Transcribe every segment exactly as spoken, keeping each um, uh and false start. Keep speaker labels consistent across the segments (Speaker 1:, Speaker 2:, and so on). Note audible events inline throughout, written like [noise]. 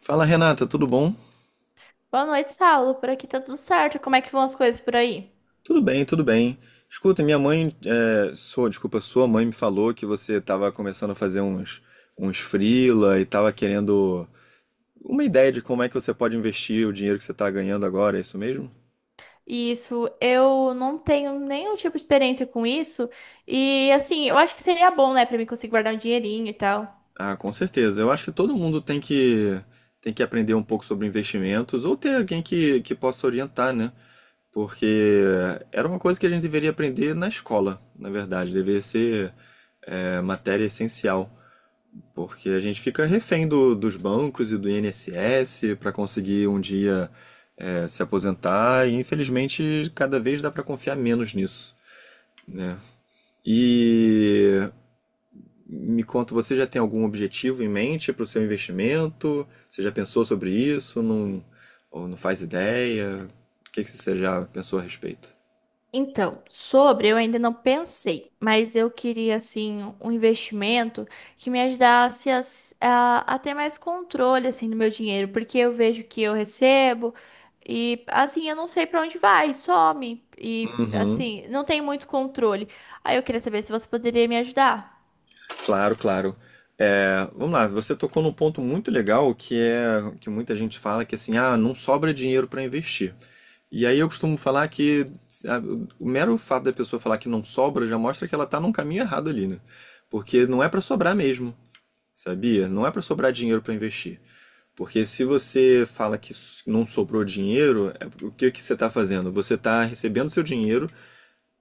Speaker 1: Fala Renata, tudo bom?
Speaker 2: Boa noite, Saulo. Por aqui tá tudo certo. Como é que vão as coisas por aí?
Speaker 1: Tudo bem, tudo bem. Escuta, minha mãe, é, sua, desculpa, sua mãe me falou que você estava começando a fazer uns, uns freela e estava querendo uma ideia de como é que você pode investir o dinheiro que você está ganhando agora, é isso mesmo?
Speaker 2: Isso, eu não tenho nenhum tipo de experiência com isso. E assim, eu acho que seria bom, né, pra mim conseguir guardar um dinheirinho e tal.
Speaker 1: Ah, com certeza. Eu acho que todo mundo tem que tem que aprender um pouco sobre investimentos ou ter alguém que, que possa orientar, né? Porque era uma coisa que a gente deveria aprender na escola, na verdade, deveria ser é, matéria essencial. Porque a gente fica refém do- dos bancos e do I N S S para conseguir um dia é, se aposentar, e infelizmente cada vez dá para confiar menos nisso, né? E me conta, você já tem algum objetivo em mente para o seu investimento? Você já pensou sobre isso? Não, ou não faz ideia? O que que você já pensou a respeito?
Speaker 2: Então, sobre eu ainda não pensei, mas eu queria assim um investimento que me ajudasse a, s- a- a ter mais controle assim do meu dinheiro, porque eu vejo que eu recebo e assim eu não sei para onde vai, some e
Speaker 1: Uhum.
Speaker 2: assim não tem muito controle. Aí eu queria saber se você poderia me ajudar.
Speaker 1: Claro, claro. É, vamos lá, você tocou num ponto muito legal que é que muita gente fala que assim, ah, não sobra dinheiro para investir. E aí eu costumo falar que ah, o mero fato da pessoa falar que não sobra já mostra que ela tá num caminho errado ali, né? Porque não é para sobrar mesmo, sabia? Não é para sobrar dinheiro para investir. Porque se você fala que s- não sobrou dinheiro, é- o que que você está fazendo? Você está recebendo seu dinheiro,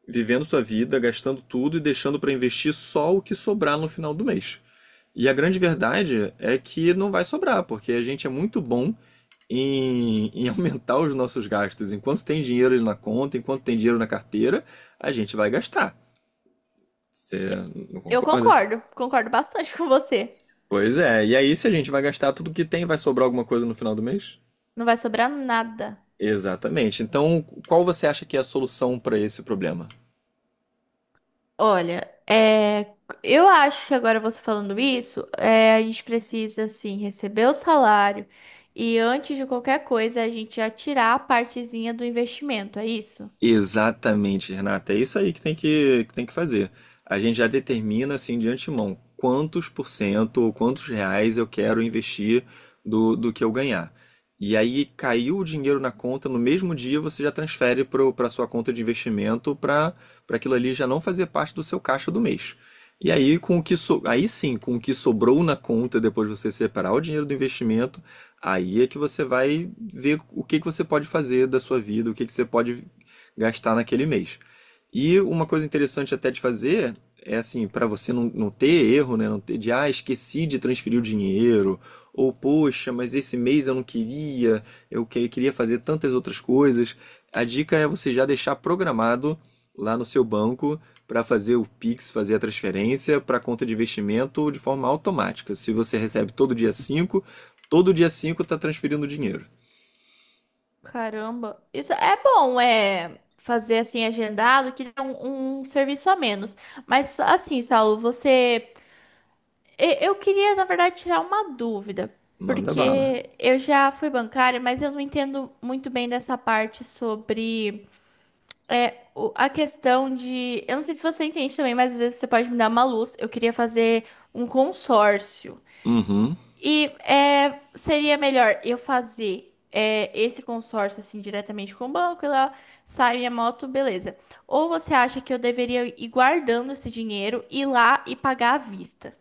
Speaker 1: vivendo sua vida, gastando tudo e deixando para investir só o que sobrar no final do mês. E a grande verdade é que não vai sobrar, porque a gente é muito bom em, [laughs] em aumentar os nossos gastos. Enquanto tem dinheiro na conta, enquanto tem dinheiro na carteira, a gente vai gastar. Você não
Speaker 2: Eu
Speaker 1: concorda?
Speaker 2: concordo, concordo bastante [laughs] com você.
Speaker 1: Pois é. E aí, se a gente vai gastar tudo que tem, vai sobrar alguma coisa no final do mês?
Speaker 2: Não vai sobrar nada.
Speaker 1: Exatamente. Então, qual você acha que é a solução para esse problema?
Speaker 2: Olha, é, eu acho que agora você falando isso, é, a gente precisa, assim, receber o salário e antes de qualquer coisa a gente já tirar a partezinha do investimento, é isso?
Speaker 1: Exatamente, Renata. É isso aí que tem que, que tem que fazer. A gente já determina assim de antemão quantos por cento ou quantos reais eu quero investir do, do que eu ganhar. E aí caiu o dinheiro na conta, no mesmo dia você já transfere para a sua conta de investimento para para aquilo ali já não fazer parte do seu caixa do mês. E aí com o que so, aí sim, com o que sobrou na conta depois de você separar o dinheiro do investimento, aí é que você vai ver o que que você pode fazer da sua vida, o que que você pode gastar naquele mês. E uma coisa interessante até de fazer é assim, para você não, não ter erro, né? Não ter de, ah, esqueci de transferir o dinheiro, ou poxa, mas esse mês eu não queria, eu que- queria fazer tantas outras coisas. A dica é você já deixar programado lá no seu banco para fazer o Pix, fazer a transferência para a conta de investimento de forma automática. Se você recebe todo dia cinco, todo dia cinco está transferindo dinheiro.
Speaker 2: Caramba, isso é bom, é fazer assim agendado que dá um, um serviço a menos. Mas assim, Saulo, você, e- eu queria na verdade tirar uma dúvida,
Speaker 1: Manda bala.
Speaker 2: porque eu já fui bancária, mas eu não entendo muito bem dessa parte sobre. É, o- a questão de. Eu não sei se você entende também, mas às vezes você pode me dar uma luz. Eu queria fazer um consórcio.
Speaker 1: Uhum.
Speaker 2: E é, seria melhor eu fazer é, esse consórcio assim diretamente com o banco e lá sai minha moto, beleza. Ou você acha que eu deveria ir guardando esse dinheiro, ir lá e pagar à vista?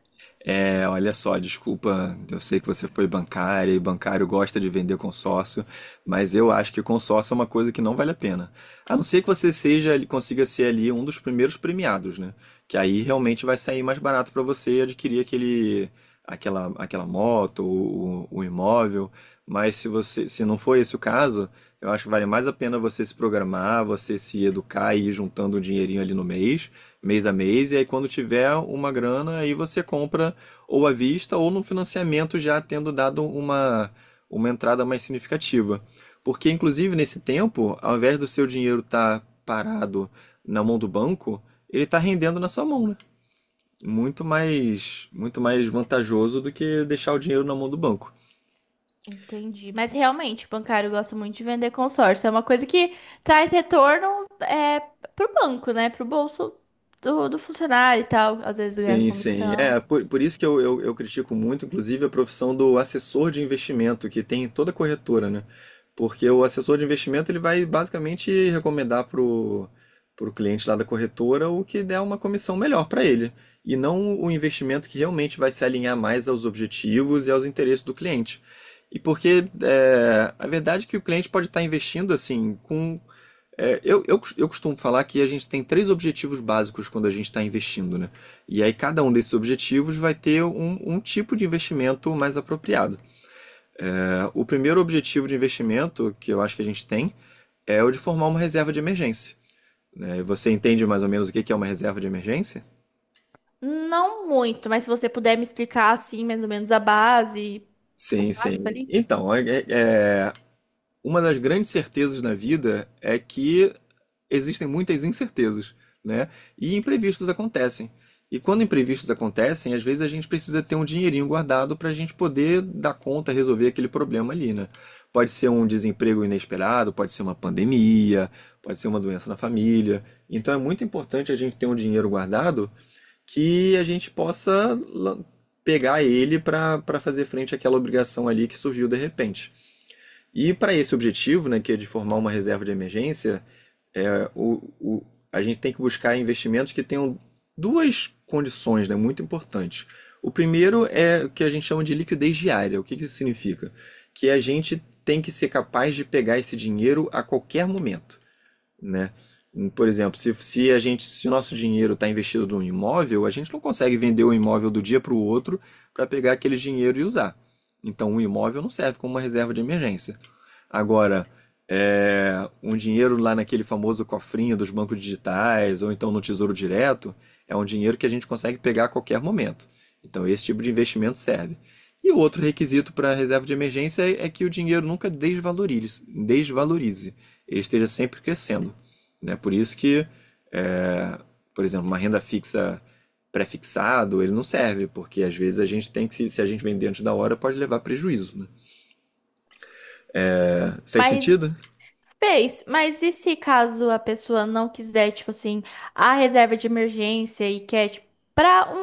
Speaker 1: É, olha só, desculpa, eu sei que você foi bancária e bancário gosta de vender consórcio, mas eu acho que consórcio é uma coisa que não vale a pena. A não ser que você seja, ele consiga ser ali um dos primeiros premiados, né? Que aí realmente vai sair mais barato para você adquirir aquele, aquela, aquela moto, ou o, o imóvel. Mas se você, se não for esse o caso, eu acho que vale mais a pena você se programar, você se educar e ir juntando um dinheirinho ali no mês, mês a mês, e aí quando tiver uma grana, aí você compra ou à vista ou no financiamento já tendo dado uma, uma entrada mais significativa. Porque, inclusive, nesse tempo, ao invés do seu dinheiro estar parado na mão do banco, ele está rendendo na sua mão, né? Muito mais, muito mais vantajoso do que deixar o dinheiro na mão do banco.
Speaker 2: Entendi. Mas realmente, o bancário gosta muito de vender consórcio. É uma coisa que traz retorno é, pro banco, né? Pro bolso do, do funcionário e tal. Às vezes ganha
Speaker 1: Sim, sim.
Speaker 2: comissão.
Speaker 1: É, por, por isso que eu, eu, eu critico muito, inclusive, a profissão do assessor de investimento, que tem em toda corretora, né? Porque o assessor de investimento ele vai basicamente recomendar pro, pro cliente lá da corretora o que der uma comissão melhor para ele, e não o investimento que realmente vai se alinhar mais aos objetivos e aos interesses do cliente. E porque é, a verdade é que o cliente pode estar investindo assim com é, eu, eu, cos- eu costumo falar que a gente tem três objetivos básicos quando a gente está investindo, né? E aí cada um desses objetivos vai ter um, um tipo de investimento mais apropriado. É, o primeiro objetivo de investimento que eu acho que a gente tem é o de formar uma reserva de emergência, né? Você entende mais ou menos o que que é uma reserva de emergência?
Speaker 2: Não muito, mas se você puder me explicar assim, mais ou menos a base, o
Speaker 1: Sim,
Speaker 2: básico
Speaker 1: sim.
Speaker 2: ali.
Speaker 1: Então, é- é- é, uma das grandes certezas na vida é que existem muitas incertezas, né? E imprevistos acontecem. E quando imprevistos acontecem, às vezes a gente precisa ter um dinheirinho guardado para a gente poder dar conta, resolver aquele problema ali, né? Pode ser um desemprego inesperado, pode ser uma pandemia, pode ser uma doença na família. Então é muito importante a gente ter um dinheiro guardado que a gente possa la- pegar ele para para fazer frente àquela obrigação ali que surgiu de repente. E para esse objetivo, né, que é de formar uma reserva de emergência, o, o- a gente tem que buscar investimentos que tenham duas condições, né, muito importantes. O primeiro é o que a gente chama de liquidez diária. O que que isso significa? Que a gente tem que ser capaz de pegar esse dinheiro a qualquer momento, né? Por exemplo, se, se a gente, se o nosso dinheiro está investido num imóvel, a gente não consegue vender o imóvel do dia para o outro para pegar aquele dinheiro e usar. Então, um imóvel não serve como uma reserva de emergência. Agora, é, um dinheiro lá naquele famoso cofrinho dos bancos digitais ou então no Tesouro Direto é um dinheiro que a gente consegue pegar a qualquer momento. Então, esse tipo de investimento serve. E o outro requisito para a reserva de emergência é é que o dinheiro nunca desvalorize, desvalorize. ele esteja sempre crescendo. Né? Por isso que, é, por exemplo, uma renda fixa pré-fixado, ele não serve, porque às vezes a gente tem que, se a gente vender antes da hora, pode levar prejuízo, né? Fez sentido?
Speaker 2: Mas Fez, mas e se caso a pessoa não quiser, tipo assim, a reserva de emergência e quer, tipo, pra um,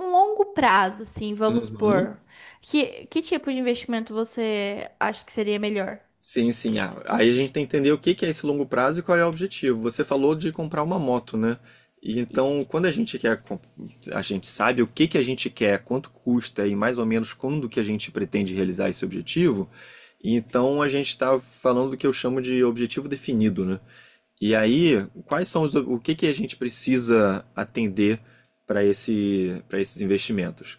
Speaker 2: um longo prazo, assim, vamos
Speaker 1: Uhum.
Speaker 2: supor, que, que tipo de investimento você acha que seria melhor?
Speaker 1: Sim, sim. Ah, aí a gente tem que entender o que que é esse longo prazo e qual é o objetivo. Você falou de comprar uma moto, né? E então,
Speaker 2: Isso.
Speaker 1: quando a gente quer, comp- a gente sabe o que que a gente quer, quanto custa e mais ou menos quando que a gente pretende realizar esse objetivo, então a gente está falando do que eu chamo de objetivo definido, né? E aí, quais são os, o que que a gente precisa atender para esse, para esses investimentos?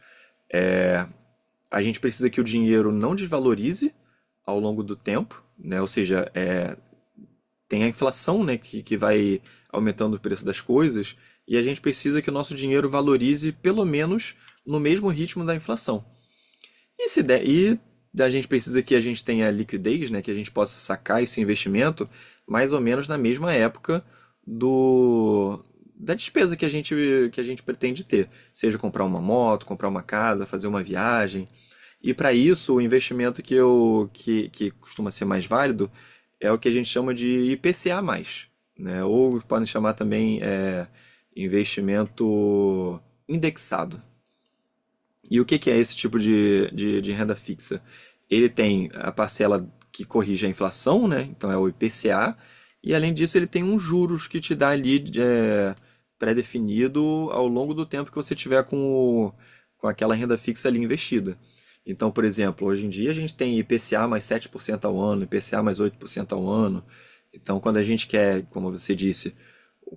Speaker 1: A gente precisa que o dinheiro não desvalorize ao longo do tempo, né? Ou seja, tem a inflação, né, que, que vai aumentando o preço das coisas, e a gente precisa que o nosso dinheiro valorize pelo menos no mesmo ritmo da inflação. E se der, e a gente precisa que a gente tenha liquidez, né, que a gente possa sacar esse investimento mais ou menos na mesma época do da despesa que a gente que a gente pretende ter, seja comprar uma moto, comprar uma casa, fazer uma viagem. E para isso, o investimento que eu que, que costuma ser mais válido é o que a gente chama de I P C A mais, né? Ou podem chamar também é, investimento indexado. E o que que é esse tipo de, de, de renda fixa? Ele tem a parcela que corrige a inflação, né? Então é o I P C A, e além disso ele tem uns juros que te dá ali é, pré-definido ao longo do tempo que você tiver com, o- com aquela renda fixa ali investida. Então, por exemplo, hoje em dia a gente tem I P C A mais sete por cento ao ano, I P C A mais oito por cento ao ano. Então, quando a gente quer, como você disse,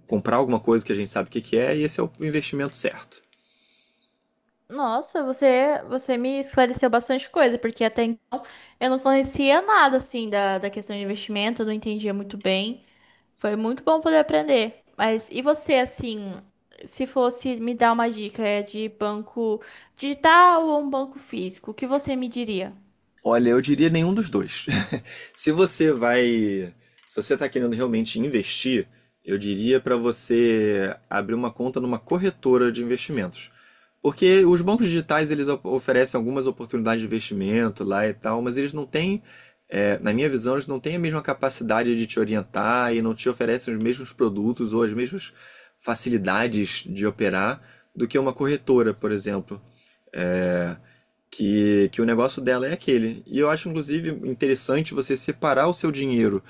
Speaker 1: comprar alguma coisa que a gente sabe o que que é, esse é o investimento certo.
Speaker 2: Nossa, você, você me esclareceu bastante coisa, porque até então eu não conhecia nada, assim, da, da questão de investimento, eu não entendia muito bem. Foi muito bom poder aprender. Mas e você, assim, se fosse me dar uma dica é de banco digital ou um banco físico, o que você me diria?
Speaker 1: Olha, eu diria nenhum dos dois. [laughs] Se você vai, se você está querendo realmente investir, eu diria para você abrir uma conta numa corretora de investimentos. Porque os bancos digitais eles op- oferecem algumas oportunidades de investimento lá e tal, mas eles não têm, é, na minha visão, eles não têm a mesma capacidade de te orientar e não te oferecem os mesmos produtos ou as mesmas facilidades de operar do que uma corretora, por exemplo. É, que, que o negócio dela é aquele. E eu acho, inclusive, interessante você separar o seu dinheiro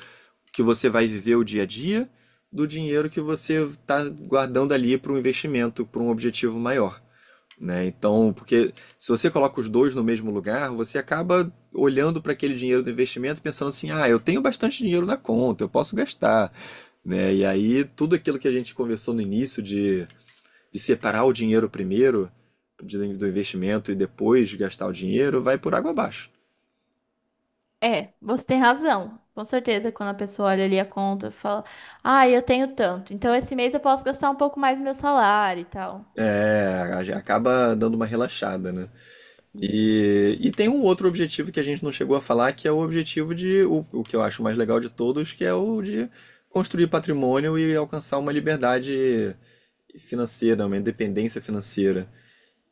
Speaker 1: que você vai viver o dia a dia do dinheiro que você está guardando ali para um investimento, para um objetivo maior. Né? Então, porque se você coloca os dois no mesmo lugar, você acaba olhando para aquele dinheiro do investimento pensando assim: ah, eu tenho bastante dinheiro na conta, eu posso gastar. Né? E aí, tudo aquilo que a gente conversou no início de de separar o dinheiro primeiro do investimento e depois gastar o dinheiro, vai por água abaixo.
Speaker 2: É, você tem razão. Com certeza, quando a pessoa olha ali a conta, e fala: ah, eu tenho tanto. Então esse mês eu posso gastar um pouco mais do meu salário e tal.
Speaker 1: É, acaba dando uma relaxada, né?
Speaker 2: Isso.
Speaker 1: E, e tem um outro objetivo que a gente não chegou a falar, que é o objetivo de, o, o que eu acho mais legal de todos, que é o de construir patrimônio e alcançar uma liberdade financeira, uma independência financeira.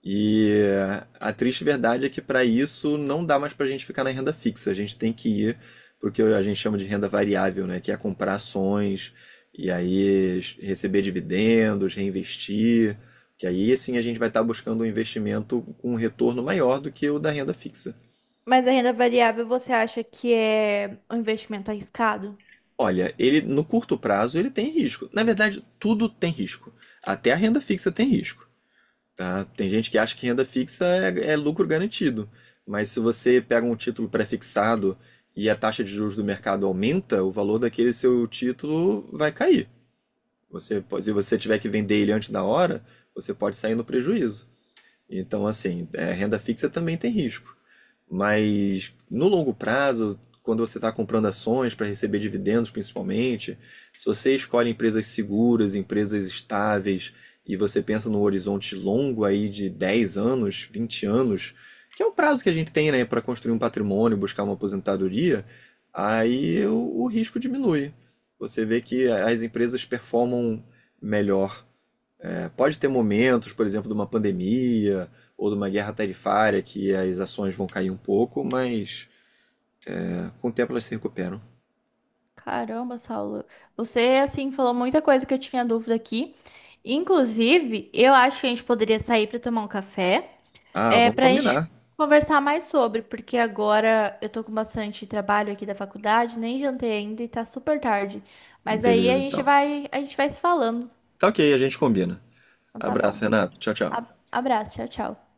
Speaker 1: E eh, a triste verdade é que para isso não dá mais para a gente ficar na renda fixa. A gente tem que ir para o que a gente chama de renda variável, né? Que é comprar ações e aí es- receber dividendos, reinvestir. Que aí sim a gente vai estar buscando um investimento com um retorno maior do que o da renda fixa.
Speaker 2: Mas a renda variável, você acha que é um investimento arriscado?
Speaker 1: Olha, ele no curto prazo ele tem risco. Na verdade, tudo tem risco. Até a renda fixa tem risco. Tá? Tem gente que acha que renda fixa é, é lucro garantido, mas se você pega um título pré-fixado e a taxa de juros do mercado aumenta, o valor daquele seu título vai cair. Você, pode- se você tiver que vender ele antes da hora, você pode sair no prejuízo. Então, assim, é, renda fixa também tem risco. Mas no longo prazo, quando você está comprando ações para receber dividendos, principalmente, se você escolhe empresas seguras, empresas estáveis, e você pensa num horizonte longo aí de dez anos, vinte anos, que é o prazo que a gente tem, né, para construir um patrimônio, buscar uma aposentadoria, aí o, o risco diminui. Você vê que as empresas performam melhor é, Pode ter momentos, por exemplo, de uma pandemia ou de uma guerra tarifária que as ações vão cair um pouco, mas é, com o tempo elas se recuperam.
Speaker 2: Caramba, Saulo, você assim falou muita coisa que eu tinha dúvida aqui. Inclusive, eu acho que a gente poderia sair para tomar um café,
Speaker 1: Ah,
Speaker 2: é
Speaker 1: vamos
Speaker 2: para a gente
Speaker 1: combinar.
Speaker 2: conversar mais sobre, porque agora eu tô com bastante trabalho aqui da faculdade, nem jantei ainda e tá super tarde. Mas aí a
Speaker 1: Beleza,
Speaker 2: gente
Speaker 1: então.
Speaker 2: vai, a gente vai se falando.
Speaker 1: Tá ok, a gente combina.
Speaker 2: Então tá bom.
Speaker 1: Abraço, Renato. Tchau, tchau.
Speaker 2: Ab- Abraço, tchau, tchau.